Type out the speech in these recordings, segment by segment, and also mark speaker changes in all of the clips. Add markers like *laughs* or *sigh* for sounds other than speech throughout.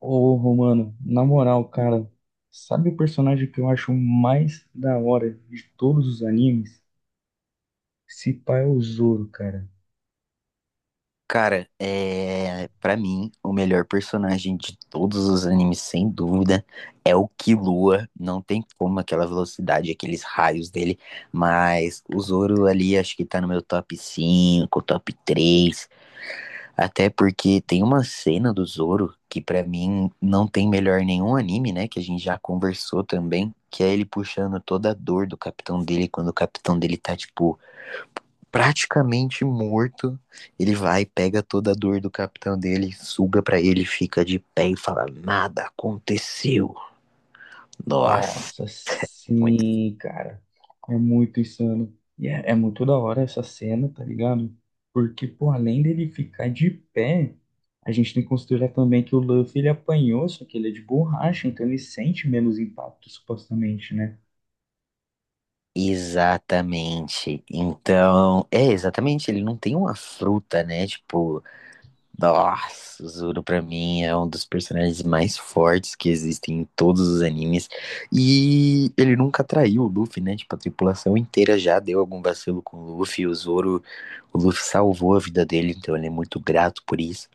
Speaker 1: Ô, Romano, na moral, cara, sabe o personagem que eu acho mais da hora de todos os animes? Se pá é o Zoro, cara.
Speaker 2: Cara, para mim, o melhor personagem de todos os animes, sem dúvida, é o Killua. Não tem como aquela velocidade, aqueles raios dele, mas o Zoro ali acho que tá no meu top 5, top 3, até porque tem uma cena do Zoro que pra mim não tem melhor nenhum anime, né, que a gente já conversou também, que é ele puxando toda a dor do capitão dele quando o capitão dele tá tipo praticamente morto, ele vai, pega toda a dor do capitão dele, suga pra ele, fica de pé e fala: Nada aconteceu. Nossa.
Speaker 1: Nossa,
Speaker 2: Muito.
Speaker 1: sim, cara. É muito insano. E é muito da hora essa cena, tá ligado? Porque, pô, além dele ficar de pé, a gente tem que considerar também que o Luffy ele apanhou, só que ele é de borracha, então ele sente menos impacto, supostamente, né?
Speaker 2: Exatamente. Então, exatamente, ele não tem uma fruta, né? Tipo, nossa, o Zoro pra mim é um dos personagens mais fortes que existem em todos os animes. E ele nunca traiu o Luffy, né? Tipo, a tripulação inteira já deu algum vacilo com o Luffy. O Zoro, o Luffy salvou a vida dele, então ele é muito grato por isso.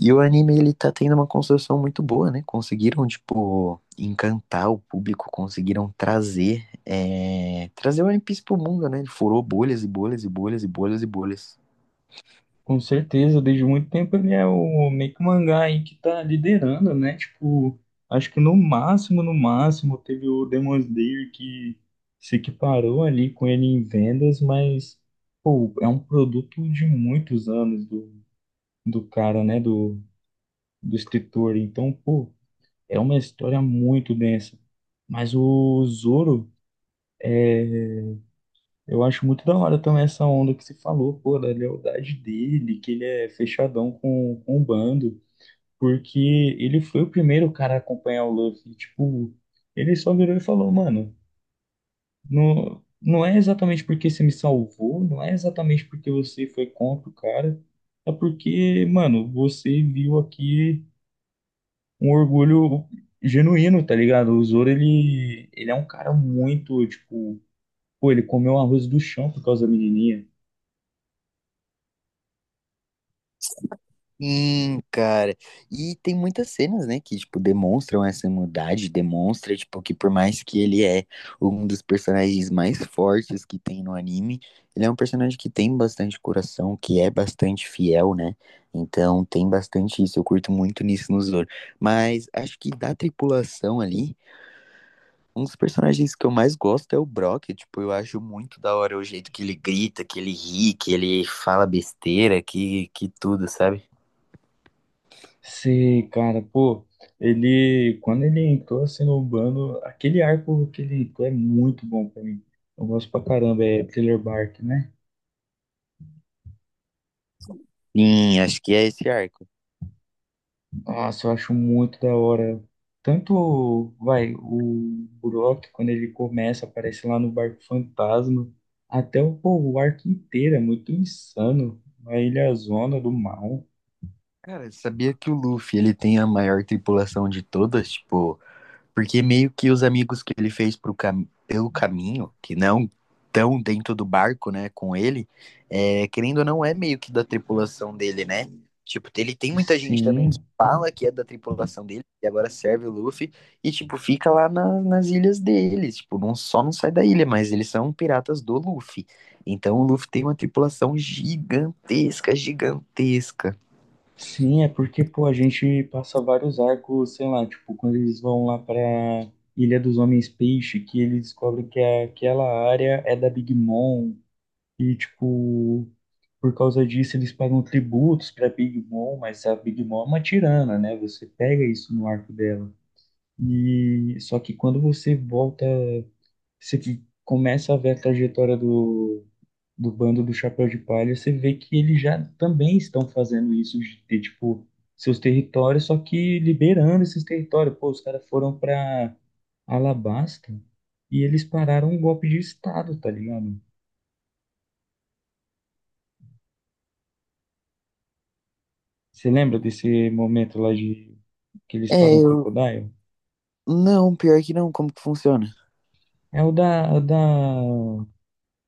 Speaker 2: E o anime, ele tá tendo uma construção muito boa, né? Conseguiram, tipo, encantar o público, conseguiram trazer o One Piece pro mundo, né? Ele furou bolhas e bolhas e bolhas e bolhas e bolhas.
Speaker 1: Com certeza, desde muito tempo ele é o meio que o mangá aí que tá liderando, né? Tipo, acho que no máximo, no máximo, teve o Demon Slayer que se equiparou ali com ele em vendas, mas, pô, é um produto de muitos anos do cara, né? Do escritor. Então, pô, é uma história muito densa. Mas o Zoro, eu acho muito da hora também essa onda que se falou, pô, da lealdade dele, que ele é fechadão com o bando. Porque ele foi o primeiro cara a acompanhar o Luffy. Tipo, ele só virou e falou, mano, não, não é exatamente porque você me salvou, não é exatamente porque você foi contra o cara, é porque, mano, você viu aqui um orgulho genuíno, tá ligado? O Zoro, ele é um cara muito, tipo, pô, ele comeu arroz do chão por causa da menininha.
Speaker 2: Sim, cara. E tem muitas cenas, né, que, tipo, demonstram essa maldade, demonstra, tipo, que por mais que ele é um dos personagens mais fortes que tem no anime, ele é um personagem que tem bastante coração, que é bastante fiel, né? Então tem bastante isso, eu curto muito nisso no Zoro. Mas acho que da tripulação ali, um dos personagens que eu mais gosto é o Brock, tipo, eu acho muito da hora o jeito que ele grita, que ele ri, que ele fala besteira, que tudo, sabe?
Speaker 1: Sei, cara, pô, ele, quando ele entrou assim no Urbano, aquele arco que ele entrou é muito bom pra mim. Eu gosto pra caramba, é Thriller Bark, né?
Speaker 2: Sim, acho que é esse arco.
Speaker 1: Nossa, eu acho muito da hora. Tanto, vai, o Brock, quando ele começa, aparece lá no barco fantasma, até o, pô, o arco inteiro é muito insano. A Ilha Zona do Mal.
Speaker 2: Cara, sabia que o Luffy, ele tem a maior tripulação de todas? Tipo, porque meio que os amigos que ele fez pro cam... pelo caminho, que não estão dentro do barco, né, com ele, querendo ou não, é meio que da tripulação dele, né? Tipo, ele tem muita gente também que
Speaker 1: Sim.
Speaker 2: fala que é da tripulação dele, e agora serve o Luffy, e, tipo, fica lá nas ilhas deles. Tipo, não, só não sai da ilha, mas eles são piratas do Luffy. Então o Luffy tem uma tripulação gigantesca, gigantesca.
Speaker 1: Sim, é porque, pô, a gente passa vários arcos, sei lá, tipo, quando eles vão lá pra Ilha dos Homens Peixe, que eles descobrem que é, aquela área é da Big Mom, e, tipo, por causa disso eles pagam tributos pra Big Mom, mas a Big Mom é uma tirana, né? Você pega isso no arco dela. E só que quando você volta, você que começa a ver a trajetória do do bando do Chapéu de Palha, você vê que eles já também estão fazendo isso de ter, tipo, seus territórios, só que liberando esses territórios. Pô, os caras foram pra Alabasta e eles pararam um golpe de Estado, tá ligado? Você lembra desse momento lá de que eles
Speaker 2: É,
Speaker 1: param o
Speaker 2: eu.
Speaker 1: Crocodile?
Speaker 2: Não, pior que não, como que funciona?
Speaker 1: É o da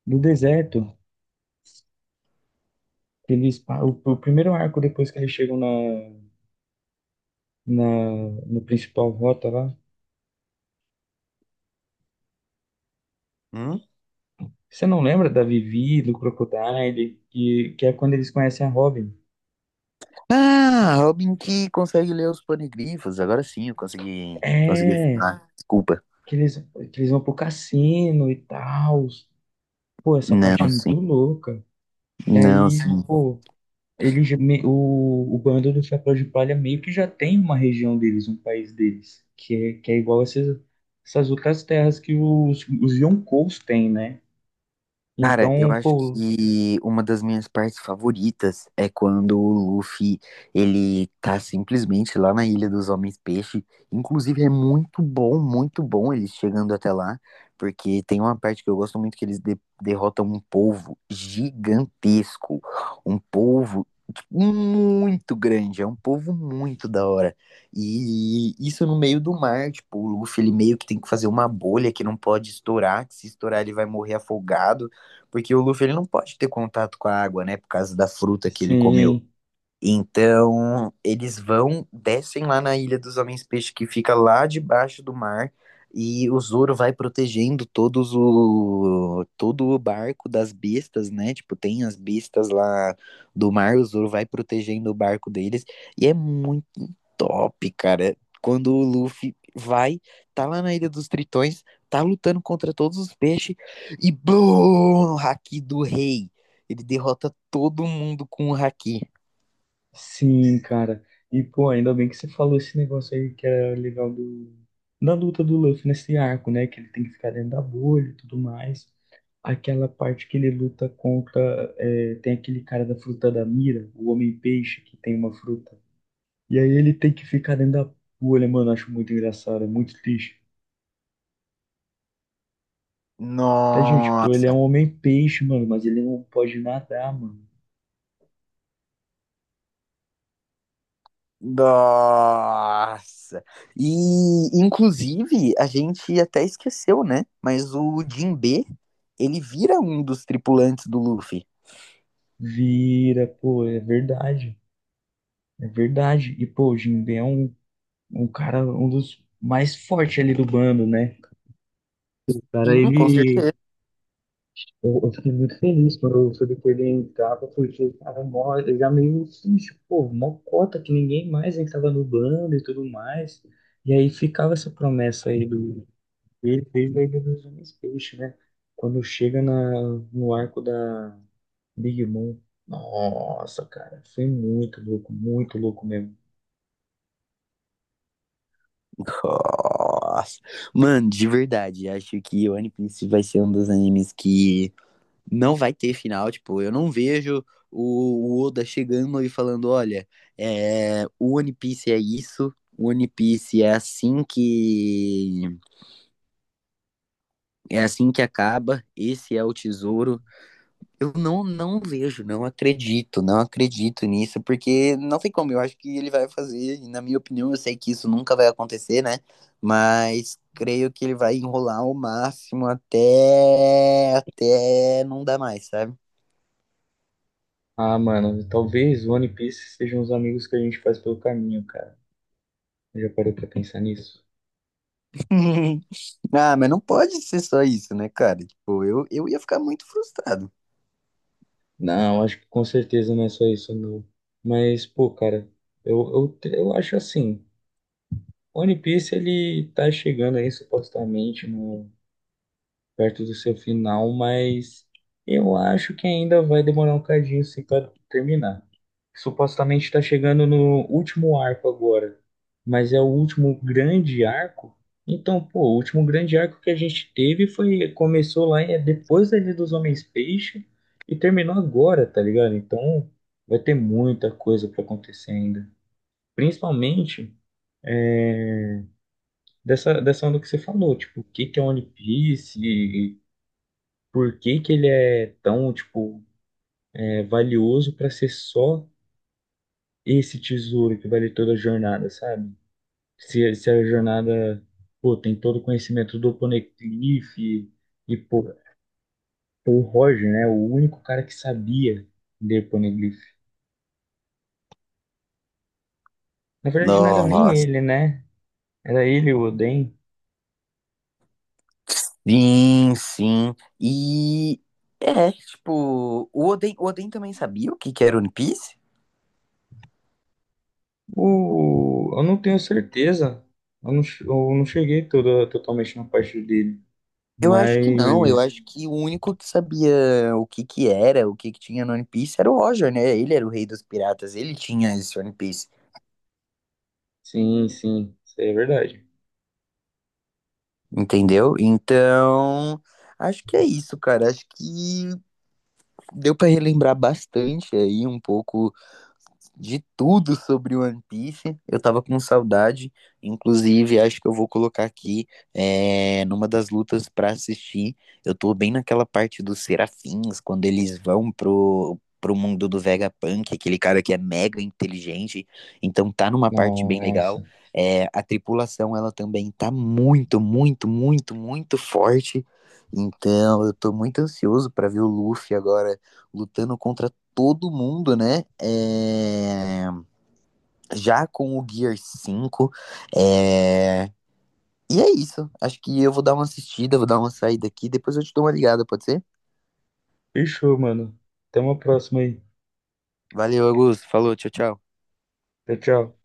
Speaker 1: do deserto. Que eles, o primeiro arco depois que eles chegam na, na, no principal rota lá,
Speaker 2: Hum?
Speaker 1: você não lembra da Vivi, do Crocodile, que é quando eles conhecem a Robin?
Speaker 2: Ah, Robin que consegue ler os panegrifos. Agora sim, consegui.
Speaker 1: É,
Speaker 2: Ah, desculpa.
Speaker 1: que eles, que eles vão pro cassino e tal. Pô, essa parte é
Speaker 2: Não,
Speaker 1: muito
Speaker 2: sim.
Speaker 1: louca. E
Speaker 2: Não,
Speaker 1: aí,
Speaker 2: sim.
Speaker 1: pô, ele, o bando do Chapéu de Palha meio que já tem uma região deles, um país deles, que é igual essas, essas outras terras que os Yonkous têm, né?
Speaker 2: Cara, eu
Speaker 1: Então,
Speaker 2: acho
Speaker 1: pô,
Speaker 2: que uma das minhas partes favoritas é quando o Luffy, ele tá simplesmente lá na Ilha dos Homens-Peixe. Inclusive é muito bom eles chegando até lá, porque tem uma parte que eu gosto muito que eles derrotam um polvo gigantesco, um polvo tipo, muito grande, é um polvo muito da hora. E isso no meio do mar, tipo, o Luffy ele meio que tem que fazer uma bolha que não pode estourar, que se estourar ele vai morrer afogado. Porque o Luffy ele não pode ter contato com a água, né? Por causa da fruta que ele comeu.
Speaker 1: sim.
Speaker 2: Então, eles vão, descem lá na Ilha dos Homens Peixe, que fica lá debaixo do mar, e o Zoro vai protegendo todo o barco das bestas, né? Tipo, tem as bestas lá do mar, o Zoro vai protegendo o barco deles, e é muito top, cara. Quando o Luffy vai, tá lá na Ilha dos Tritões, tá lutando contra todos os peixes, e BOOM! Haki do Rei. Ele derrota todo mundo com o Haki.
Speaker 1: Sim, cara. E, pô, ainda bem que você falou esse negócio aí que é legal do, da luta do Luffy nesse arco, né? Que ele tem que ficar dentro da bolha e tudo mais. Aquela parte que ele luta contra. É, tem aquele cara da fruta da mira, o Homem-Peixe, que tem uma fruta. E aí ele tem que ficar dentro da bolha, mano. Eu acho muito engraçado, é muito triste. Tá, gente, pô, ele é um
Speaker 2: Nossa,
Speaker 1: Homem-Peixe, mano, mas ele não pode nadar, mano.
Speaker 2: nossa. E inclusive a gente até esqueceu, né? Mas o Jinbe, ele vira um dos tripulantes do Luffy.
Speaker 1: Vira, pô, é verdade. É verdade. E, pô, o Jinbe é um um cara, um dos mais fortes ali do bando, né? Cara,
Speaker 2: Sim, com
Speaker 1: ele.
Speaker 2: certeza.
Speaker 1: Eu fiquei muito feliz quando eu soube que ele entrava, porque ele tava mó, eu já meio fixe, pô, mó cota que ninguém mais entrava no bando e tudo mais. E aí ficava essa promessa aí do. Ele fez a Ilha dos Homens Peixe, né? Quando chega na, no arco da Big Mom. Nossa, cara, foi muito louco mesmo.
Speaker 2: Nossa. Mano, de verdade, acho que o One Piece vai ser um dos animes que não vai ter final. Tipo, eu não vejo o Oda chegando e falando: olha, é, o One Piece é isso, o One Piece é assim que É assim que acaba, esse é o tesouro. Eu não, não vejo, não acredito nisso, porque não tem como, eu acho que ele vai fazer, e na minha opinião, eu sei que isso nunca vai acontecer, né? Mas creio que ele vai enrolar ao máximo até não dar mais, sabe?
Speaker 1: Ah, mano, talvez One Piece sejam os amigos que a gente faz pelo caminho, cara. Já parou pra pensar nisso?
Speaker 2: *laughs* Ah, mas não pode ser só isso, né, cara? Tipo, eu ia ficar muito frustrado.
Speaker 1: Não, acho que com certeza não é só isso, não. Mas, pô, cara, eu acho assim, One Piece ele tá chegando aí supostamente no perto do seu final, mas eu acho que ainda vai demorar um cadinho assim para terminar. Supostamente está chegando no último arco agora, mas é o último grande arco. Então, pô, o último grande arco que a gente teve foi começou lá é, depois da dos Homens-Peixe e terminou agora, tá ligado? Então, vai ter muita coisa para acontecer ainda. Principalmente é, dessa onda que você falou, tipo, o que que é One Piece, por que que ele é tão, tipo, é, valioso para ser só esse tesouro que vale toda a jornada, sabe? Se a jornada, pô, tem todo o conhecimento do Poneglyph e pô, o Roger, né? O único cara que sabia de Poneglyph. Na verdade, não era nem
Speaker 2: Nossa.
Speaker 1: ele, né? Era ele, o Oden.
Speaker 2: Sim, sim. E é, tipo, o Oden também sabia o que que era One Piece?
Speaker 1: O, eu não tenho certeza. Eu não, eu não cheguei toda, totalmente na parte dele.
Speaker 2: Eu acho que não, eu
Speaker 1: Mas,
Speaker 2: acho que o único que sabia o que que era, o que que tinha no One Piece era o Roger, né? Ele era o rei dos piratas, ele tinha esse One Piece,
Speaker 1: sim, sim, isso aí é verdade.
Speaker 2: entendeu? Então, acho que é isso, cara. Acho que deu pra relembrar bastante aí um pouco de tudo sobre One Piece. Eu tava com saudade. Inclusive, acho que eu vou colocar aqui é, numa das lutas pra assistir. Eu tô bem naquela parte dos serafins, quando eles vão pro mundo do Vegapunk, aquele cara que é mega inteligente. Então tá numa parte bem legal.
Speaker 1: Nossa.
Speaker 2: É, a tripulação, ela também tá muito forte. Então, eu tô muito ansioso pra ver o Luffy agora lutando contra todo mundo, né? É, já com o Gear cinco É, e é isso. Acho que eu vou dar uma assistida, vou dar uma saída aqui. Depois eu te dou uma ligada, pode ser?
Speaker 1: Fechou, mano. Até uma próxima aí.
Speaker 2: Valeu, Augusto. Falou, tchau, tchau.
Speaker 1: Tchau, tchau.